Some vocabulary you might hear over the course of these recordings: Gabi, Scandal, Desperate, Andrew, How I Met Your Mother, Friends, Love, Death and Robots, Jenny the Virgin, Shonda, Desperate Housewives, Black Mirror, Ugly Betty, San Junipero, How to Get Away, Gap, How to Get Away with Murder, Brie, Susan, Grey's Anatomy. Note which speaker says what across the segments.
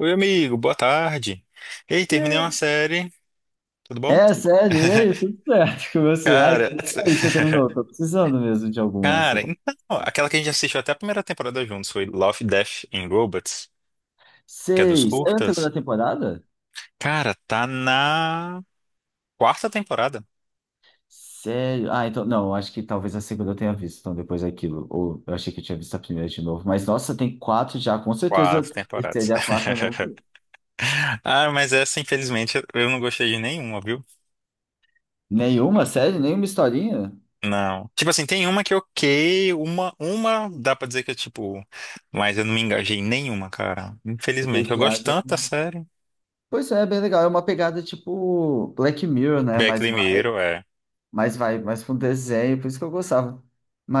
Speaker 1: Oi, amigo, boa tarde. Ei, terminei uma série, tudo bom?
Speaker 2: É, sério, e aí, tudo certo com você? Ai, que
Speaker 1: Cara,
Speaker 2: sério que você terminou? Tô precisando mesmo de alguma, se eu
Speaker 1: cara, então,
Speaker 2: confesso.
Speaker 1: aquela que a gente assistiu até a primeira temporada juntos foi Love, Death and Robots, que é dos
Speaker 2: Seis. É a
Speaker 1: curtas.
Speaker 2: segunda temporada?
Speaker 1: Cara, tá na quarta temporada.
Speaker 2: Sério? Ah, então, não, acho que talvez a segunda eu tenha visto, então depois daquilo. Ou eu achei que eu tinha visto a primeira de novo. Mas, nossa, tem quatro já, com certeza
Speaker 1: Quatro temporadas.
Speaker 2: seria a quarta eu não vi.
Speaker 1: Ah, mas essa, infelizmente, eu não gostei de nenhuma, viu?
Speaker 2: Nenhuma, sério? Nenhuma historinha?
Speaker 1: Não. Tipo assim, tem uma que é ok, uma dá pra dizer que é tipo, mas eu não me engajei em nenhuma, cara.
Speaker 2: É que
Speaker 1: Infelizmente,
Speaker 2: eles
Speaker 1: eu gosto
Speaker 2: viajam.
Speaker 1: tanto da série.
Speaker 2: Pois é, é bem legal. É uma pegada tipo Black Mirror, né?
Speaker 1: Black
Speaker 2: Mas vai,
Speaker 1: Mirror, é.
Speaker 2: mas vai, mais pra um desenho, por isso que eu gostava.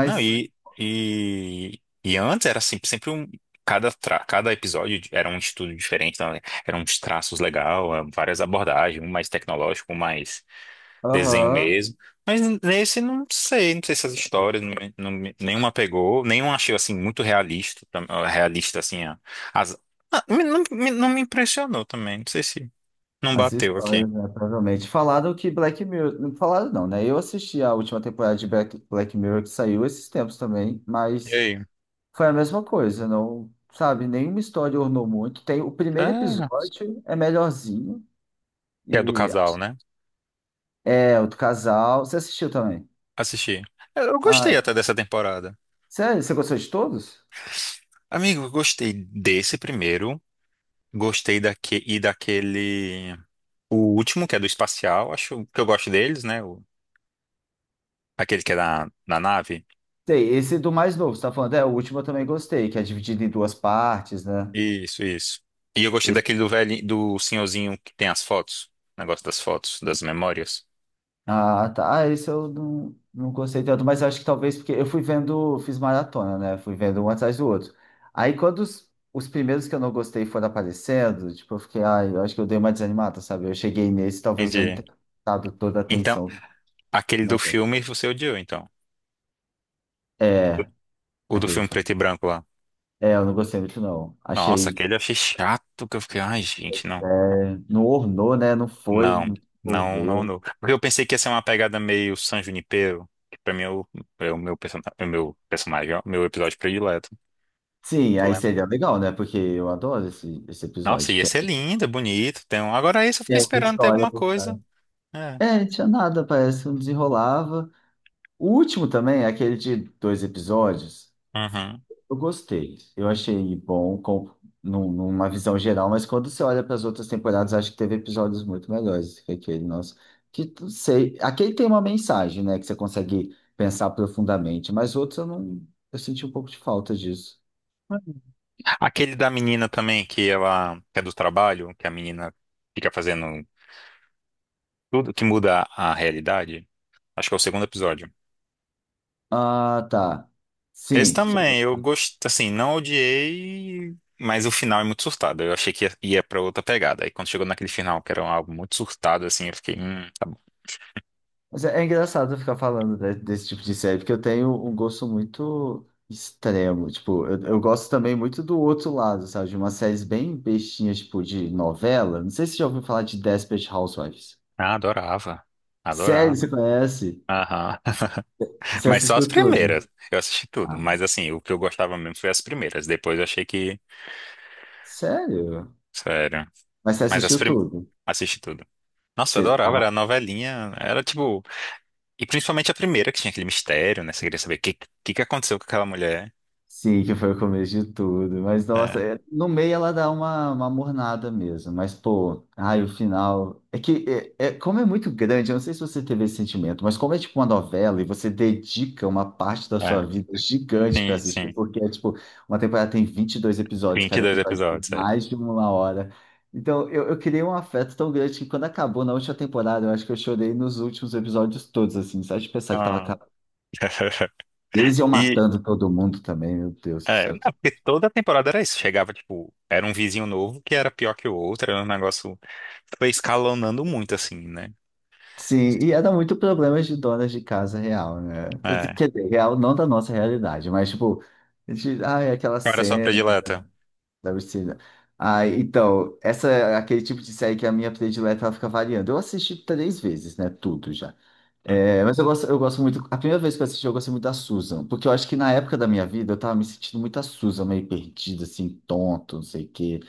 Speaker 1: Não, e antes era sempre um. Cada, cada episódio era um estudo diferente, então, eram uns traços legais, várias abordagens, um mais tecnológico, um mais desenho
Speaker 2: aham.
Speaker 1: mesmo. Mas nesse não sei, não sei se as histórias, não, nenhuma pegou, nenhuma achei assim muito realista, realista assim, a- as, ah, me- não, me não me impressionou também, não sei se não
Speaker 2: As
Speaker 1: bateu aqui.
Speaker 2: histórias, né, provavelmente. Falaram que Black Mirror. Falaram não, né? Eu assisti a última temporada de Black Mirror que saiu esses tempos também,
Speaker 1: E
Speaker 2: mas
Speaker 1: aí?
Speaker 2: foi a mesma coisa, não, sabe? Nenhuma história ornou muito. Tem, o primeiro
Speaker 1: Ah,
Speaker 2: episódio é melhorzinho,
Speaker 1: que é do
Speaker 2: e
Speaker 1: casal, né?
Speaker 2: é o do casal. Você assistiu também?
Speaker 1: Assisti. Eu gostei
Speaker 2: Ah,
Speaker 1: até dessa temporada.
Speaker 2: sério? Você gostou de todos?
Speaker 1: Amigo, eu gostei desse primeiro, gostei daque e daquele, o último, que é do espacial, acho que eu gosto deles, né? Aquele que é na, na nave.
Speaker 2: Sei, esse do mais novo, você tá falando, é, o último eu também gostei, que é dividido em duas partes, né?
Speaker 1: Isso, isso. E eu gostei daquele do velho, do senhorzinho que tem as fotos, negócio das fotos, das memórias.
Speaker 2: Ah, tá. Ah, esse eu não gostei tanto, mas eu acho que talvez porque eu fui vendo, fiz maratona, né? Fui vendo um atrás do outro. Aí quando os primeiros que eu não gostei foram aparecendo, tipo, eu fiquei, ai, eu acho que eu dei uma desanimada, sabe? Eu cheguei nesse, talvez eu não
Speaker 1: Entendi.
Speaker 2: tenha dado toda a
Speaker 1: Então,
Speaker 2: atenção,
Speaker 1: aquele do
Speaker 2: né?
Speaker 1: filme você odiou, então.
Speaker 2: É,
Speaker 1: O do
Speaker 2: aquele.
Speaker 1: filme preto e branco lá.
Speaker 2: É, eu não gostei muito, não.
Speaker 1: Nossa,
Speaker 2: Achei,
Speaker 1: aquele eu achei chato, que eu fiquei, ai, gente, não.
Speaker 2: é, não ornou, né? Não foi,
Speaker 1: Não,
Speaker 2: não
Speaker 1: não, não,
Speaker 2: envolveu.
Speaker 1: não. Porque eu pensei que ia ser uma pegada meio San Junipero, que pra mim é o, é o meu, é o meu personagem, é o meu episódio predileto.
Speaker 2: Sim,
Speaker 1: Tu
Speaker 2: aí
Speaker 1: lembra?
Speaker 2: seria legal, né? Porque eu adoro esse
Speaker 1: Nossa,
Speaker 2: episódio,
Speaker 1: ia
Speaker 2: que é
Speaker 1: ser lindo, bonito. Tem um... Agora esse eu
Speaker 2: tem
Speaker 1: fiquei
Speaker 2: alguma
Speaker 1: esperando ter
Speaker 2: história
Speaker 1: alguma
Speaker 2: por trás.
Speaker 1: coisa. É.
Speaker 2: É, tinha nada, parece, que não desenrolava. O último também, é aquele de dois episódios,
Speaker 1: Uhum.
Speaker 2: eu gostei. Eu achei bom com, numa visão geral, mas quando você olha para as outras temporadas, acho que teve episódios muito melhores que aquele nosso. Que não sei. Aquele tem uma mensagem, né? Que você consegue pensar profundamente, mas outros eu não. Eu senti um pouco de falta disso.
Speaker 1: Aquele da menina também, que ela que é do trabalho, que a menina fica fazendo tudo que muda a realidade. Acho que é o segundo episódio.
Speaker 2: Ah, tá.
Speaker 1: Esse
Speaker 2: Sim.
Speaker 1: também, eu gostei, assim, não odiei, mas o final é muito surtado. Eu achei que ia pra outra pegada. Aí quando chegou naquele final, que era um álbum muito surtado, assim, eu fiquei, tá bom.
Speaker 2: Mas é, é engraçado ficar desse tipo de série, porque eu tenho um gosto muito extremo. Tipo, eu gosto também muito do outro lado, sabe? De umas séries bem bestinhas, tipo, de novela. Não sei se você já ouviu falar de Desperate Housewives.
Speaker 1: Ah, adorava,
Speaker 2: Sério, você
Speaker 1: adorava.
Speaker 2: conhece?
Speaker 1: Aham.
Speaker 2: E você
Speaker 1: Mas só as
Speaker 2: assistiu tudo?
Speaker 1: primeiras, eu assisti tudo.
Speaker 2: Ah.
Speaker 1: Mas assim, o que eu gostava mesmo foi as primeiras. Depois eu achei que,
Speaker 2: Sério?
Speaker 1: sério.
Speaker 2: Mas você
Speaker 1: Mas as
Speaker 2: assistiu
Speaker 1: primeiras,
Speaker 2: tudo?
Speaker 1: assisti tudo. Nossa, eu
Speaker 2: Você
Speaker 1: adorava, era a novelinha, era tipo, e principalmente a primeira, que tinha aquele mistério, né? Você queria saber o que, que aconteceu com aquela mulher.
Speaker 2: sim, que foi o começo de tudo. Mas, nossa,
Speaker 1: É,
Speaker 2: é no meio ela dá uma mornada mesmo. Mas, pô, ai, o final. É que, é como é muito grande, eu não sei se você teve esse sentimento, mas como é tipo uma novela e você dedica uma parte da sua
Speaker 1: é.
Speaker 2: vida gigante pra
Speaker 1: Sim,
Speaker 2: assistir,
Speaker 1: sim.
Speaker 2: porque é tipo, uma temporada tem 22 episódios, cada
Speaker 1: 22
Speaker 2: episódio tem
Speaker 1: episódios, é.
Speaker 2: mais de uma hora. Então, eu criei um afeto tão grande que quando acabou na última temporada, eu acho que eu chorei nos últimos episódios todos, assim, só de pensar que tava
Speaker 1: Ah.
Speaker 2: acabando. E eles iam
Speaker 1: E,
Speaker 2: matando todo mundo também, meu Deus do
Speaker 1: é, não,
Speaker 2: céu.
Speaker 1: porque toda temporada era isso. Chegava, tipo, era um vizinho novo que era pior que o outro, era um negócio. Foi escalonando muito, assim, né?
Speaker 2: Sim, e ia dar muito problemas de donas de casa real, né?
Speaker 1: É.
Speaker 2: Quer dizer, real não da nossa realidade, mas tipo, de, ai, aquela
Speaker 1: Qual era só
Speaker 2: cena
Speaker 1: predileta.
Speaker 2: da piscina. Ai, então, essa é aquele tipo de série que a minha predileta ela fica variando. Eu assisti três vezes, né? Tudo já.
Speaker 1: Hum.
Speaker 2: É, mas eu gosto muito. A primeira vez que eu assisti, eu gostei muito da Susan, porque eu acho que na época da minha vida eu tava me sentindo muito a Susan, meio perdida, assim, tonto, não sei o quê.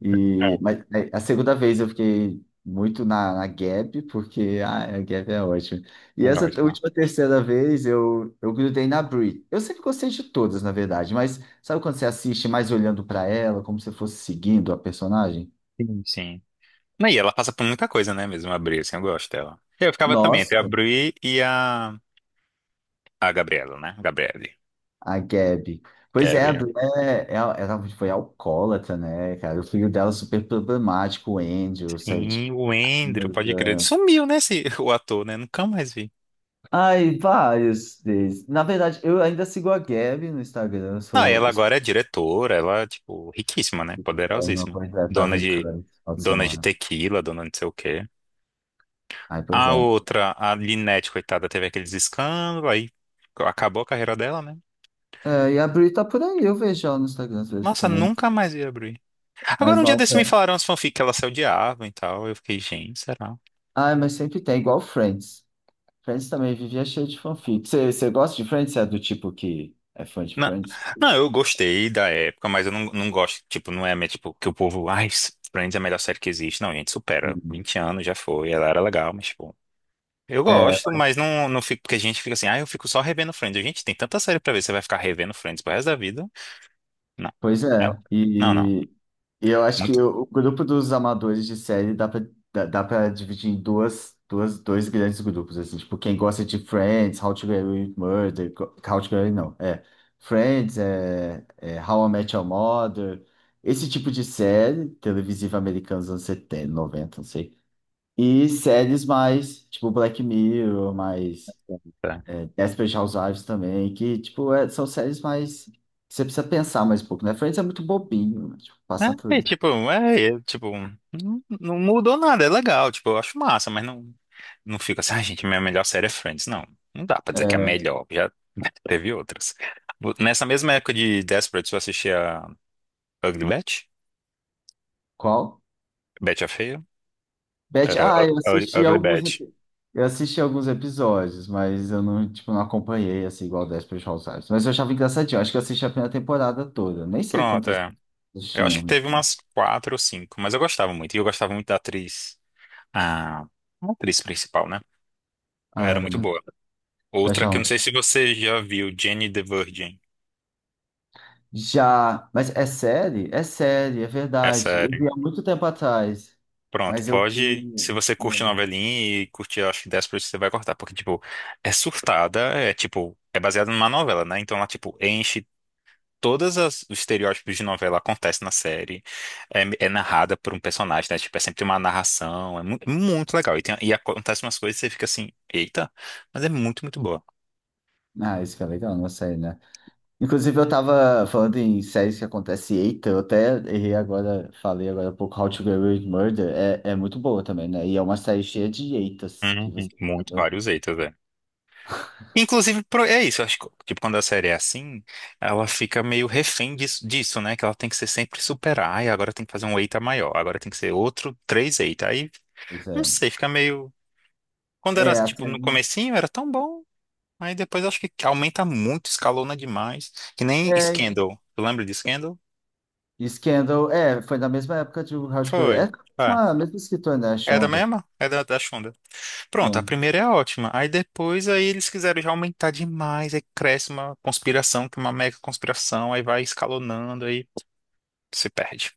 Speaker 2: E,
Speaker 1: É,
Speaker 2: mas é, a segunda vez eu fiquei muito na Gap, porque ah, a Gap é ótima. E
Speaker 1: é
Speaker 2: essa
Speaker 1: ótimo.
Speaker 2: última terceira vez eu grudei na Brie. Eu sempre gostei de todas, na verdade, mas sabe quando você assiste mais olhando para ela, como se fosse seguindo a personagem?
Speaker 1: Sim, sim. Não, e ela passa por muita coisa, né, mesmo, a Bri, assim, eu gosto dela. Eu ficava também entre a
Speaker 2: Nossa,
Speaker 1: Bri e a... A Gabriela, né? Gabriele.
Speaker 2: a Gabi. Pois é, a
Speaker 1: Kevin.
Speaker 2: Brie é, é ela foi alcoólatra, né, cara? O filho dela é super problemático, o Andrew, saiu
Speaker 1: Sim,
Speaker 2: de.
Speaker 1: o Andrew, pode crer. Sumiu, né, esse, o ator, né? Nunca mais vi.
Speaker 2: Ai, vários deles. Na verdade, eu ainda sigo a Gabi no Instagram. Eu
Speaker 1: Não,
Speaker 2: sou,
Speaker 1: ela
Speaker 2: eu sou
Speaker 1: agora é diretora, ela, tipo, riquíssima, né?
Speaker 2: BR, meu
Speaker 1: Poderosíssima.
Speaker 2: projeto tava
Speaker 1: Dona
Speaker 2: em
Speaker 1: de,
Speaker 2: Cannes no final de
Speaker 1: dona de
Speaker 2: semana.
Speaker 1: tequila, dona de não sei o quê.
Speaker 2: Aí, por
Speaker 1: A
Speaker 2: exemplo.
Speaker 1: outra, a Linette, coitada, teve aqueles escândalos, aí acabou a carreira dela, né?
Speaker 2: É, e a Bri tá por aí, eu vejo ela no Instagram às vezes
Speaker 1: Nossa,
Speaker 2: também.
Speaker 1: nunca mais ia abrir. Agora,
Speaker 2: Mas,
Speaker 1: um dia desse me
Speaker 2: nossa,
Speaker 1: falaram as fanfic que ela se odiava e tal. Eu fiquei, gente, será?
Speaker 2: ai, mas sempre tem, igual Friends. Friends também vivia cheio de fanfic. Você gosta de Friends? Você é do tipo que é fã de
Speaker 1: Não,
Speaker 2: Friends?
Speaker 1: não, eu gostei da época, mas eu não, não gosto, tipo, não é minha, tipo, que o povo, ai, Friends é a melhor série que existe. Não, gente, supera.
Speaker 2: Uhum.
Speaker 1: 20 anos já foi, ela era legal, mas, tipo. Eu gosto, mas não, não fico, porque a gente fica assim, ah, eu fico só revendo Friends. Gente, tem tanta série pra ver, você vai ficar revendo Friends pro resto da vida? Não.
Speaker 2: Pois
Speaker 1: Ela-
Speaker 2: é,
Speaker 1: Não, não.
Speaker 2: e eu acho que
Speaker 1: Muito.
Speaker 2: o grupo dos amadores de série dá pra, dá, dá pra dividir em dois grandes grupos, assim, tipo, quem gosta de Friends, How to Get Away with Murder, How to Get Away, não, é, Friends, é, é How I Met Your Mother, esse tipo de série televisiva americana dos anos 70 90 não sei, e séries mais, tipo, Black Mirror, mais...
Speaker 1: Tanta.
Speaker 2: Desperate Housewives também, que, tipo, é são séries mais... que você precisa pensar mais um pouco, né? Friends é muito bobinho, né? Tipo, passa
Speaker 1: É, e,
Speaker 2: tudo.
Speaker 1: tipo, é, e, tipo, não, não mudou nada, é legal, tipo, eu acho massa, mas não, não fico assim, ah, gente, minha melhor série é Friends. Não, não dá pra dizer que é a
Speaker 2: É,
Speaker 1: melhor, já teve outras. Nessa mesma época de Desperate, eu assistia Ugly Betty,
Speaker 2: qual?
Speaker 1: Betty a Feia,
Speaker 2: Beth,
Speaker 1: era
Speaker 2: ah, eu assisti
Speaker 1: Ugly
Speaker 2: alguns
Speaker 1: Betty.
Speaker 2: Eu assisti alguns episódios, mas eu não, tipo, não acompanhei, assim, igual Desperate Housewives. Mas eu achava engraçadinho, eu acho que eu assisti a primeira temporada toda. Nem sei
Speaker 1: Pronto,
Speaker 2: quantas
Speaker 1: é. Eu acho
Speaker 2: tinham
Speaker 1: que
Speaker 2: no
Speaker 1: teve
Speaker 2: final.
Speaker 1: umas quatro ou cinco, mas eu gostava muito. E eu gostava muito da atriz, a atriz principal, né? Ela
Speaker 2: Ah,
Speaker 1: era
Speaker 2: era
Speaker 1: muito
Speaker 2: muito...
Speaker 1: boa.
Speaker 2: Eu
Speaker 1: Outra que eu não
Speaker 2: achava...
Speaker 1: sei se você já viu, Jenny the Virgin.
Speaker 2: Já... Mas é série? É série, é
Speaker 1: É
Speaker 2: verdade. Eu
Speaker 1: sério.
Speaker 2: vi há muito tempo atrás,
Speaker 1: Pronto,
Speaker 2: mas eu
Speaker 1: pode. Se
Speaker 2: vi...
Speaker 1: você curte novelinha e curte, acho que 10%, você vai cortar. Porque, tipo, é surtada, é tipo, é baseada numa novela, né? Então ela, tipo, enche todas os estereótipos de novela acontecem na série. É, é narrada por um personagem, né? Tipo, é sempre uma narração. É muito legal. E, tem, e acontece umas coisas e você fica assim, eita, mas é muito, muito boa.
Speaker 2: Ah, isso que é legal, uma série, né? Inclusive, eu tava falando em séries que acontece, eita, eu até errei agora, falei agora há pouco, How to Get Away with Murder, é, é muito boa também, né? E é uma série cheia de eitas, que
Speaker 1: Uhum,
Speaker 2: você fica,
Speaker 1: muito,
Speaker 2: meu
Speaker 1: vários eitas, é. Inclusive, é isso, eu acho que tipo, quando a série é assim, ela fica meio refém disso, né? Que ela tem que ser sempre superar, ai, agora tem que fazer um eita maior, agora tem que ser outro três eita. Aí,
Speaker 2: Deus,
Speaker 1: não
Speaker 2: é.
Speaker 1: sei, fica meio. Quando era,
Speaker 2: É, a
Speaker 1: tipo, no
Speaker 2: série...
Speaker 1: comecinho, era tão bom. Aí depois acho que aumenta muito, escalona demais. Que nem
Speaker 2: É,
Speaker 1: Scandal. Tu lembra de Scandal?
Speaker 2: e Scandal, é, foi na mesma época de How to Get Away, é
Speaker 1: Foi.
Speaker 2: a
Speaker 1: Ah,
Speaker 2: mesma escritora, né, a
Speaker 1: é da
Speaker 2: Shonda.
Speaker 1: mesma? É da, da Shonda. Pronto, a
Speaker 2: Ah,
Speaker 1: primeira é ótima. Aí depois aí eles quiseram já aumentar demais. Aí cresce uma conspiração, que é uma mega conspiração. Aí vai escalonando, aí se perde.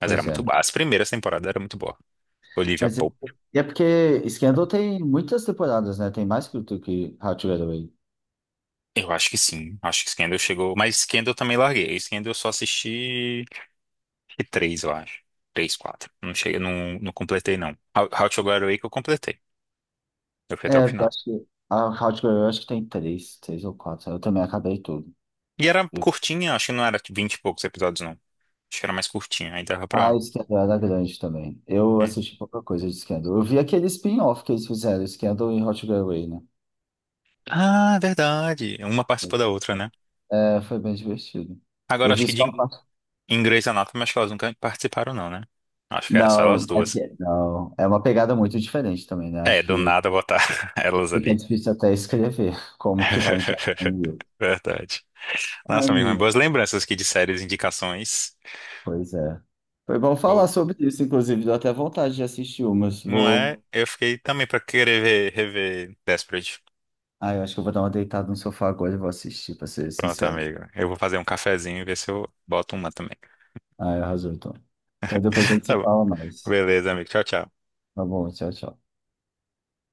Speaker 1: Mas era
Speaker 2: pois
Speaker 1: muito
Speaker 2: é.
Speaker 1: boa. As primeiras temporadas eram muito boa. Olivia
Speaker 2: Mas é,
Speaker 1: Pope.
Speaker 2: e é porque Scandal tem muitas temporadas, né? Tem mais que o que How to Get Away.
Speaker 1: Eu acho que sim. Acho que Scandal chegou. Mas Scandal eu também larguei. Scandal eu só assisti e três, eu acho. Três, quatro. Não cheguei, não, não completei, não. How to Get Away que eu completei. Eu fui até o
Speaker 2: É, eu
Speaker 1: final.
Speaker 2: acho que a Hardcore, eu acho que tem três, ou quatro. Eu também acabei tudo.
Speaker 1: E era
Speaker 2: Eu...
Speaker 1: curtinha, acho que não era vinte e poucos episódios, não. Acho que era mais curtinha, aí dava
Speaker 2: Ah,
Speaker 1: pra.
Speaker 2: Scandal era grande também. Eu
Speaker 1: Hum.
Speaker 2: assisti pouca coisa de Scandal. Eu vi aquele spin-off que eles fizeram, Scandal e Hot Girl Way, né?
Speaker 1: Ah, verdade. Uma participa da outra, né?
Speaker 2: É, foi bem divertido.
Speaker 1: Agora
Speaker 2: Eu
Speaker 1: acho
Speaker 2: vi
Speaker 1: que
Speaker 2: só a
Speaker 1: de
Speaker 2: parte.
Speaker 1: em Grey's Anatomy, acho que elas nunca participaram, não, né? Acho que era só
Speaker 2: Não,
Speaker 1: elas
Speaker 2: é
Speaker 1: duas.
Speaker 2: porque, não, é uma pegada muito diferente também, né?
Speaker 1: É,
Speaker 2: Acho
Speaker 1: do
Speaker 2: que
Speaker 1: nada botar elas
Speaker 2: fica
Speaker 1: ali.
Speaker 2: difícil até escrever como que vai encaixar um livro.
Speaker 1: Verdade.
Speaker 2: Ah,
Speaker 1: Nossa, amigo, mas
Speaker 2: amigo,
Speaker 1: boas lembranças aqui de séries, indicações.
Speaker 2: pois é. Foi bom falar sobre isso, inclusive, deu até vontade de assistir umas.
Speaker 1: Não
Speaker 2: Vou...
Speaker 1: é? Eu fiquei também pra querer ver, rever Desperate.
Speaker 2: Ah, eu acho que eu vou dar uma deitada no sofá agora e vou assistir, pra ser
Speaker 1: Pronto,
Speaker 2: sincero.
Speaker 1: amigo. Eu vou fazer um cafezinho e ver se eu boto uma também.
Speaker 2: Ah, arrasou, então. Mas depois a gente
Speaker 1: Tá
Speaker 2: se
Speaker 1: bom.
Speaker 2: fala mais.
Speaker 1: Beleza, amigo. Tchau, tchau.
Speaker 2: Tá bom, tchau, tchau.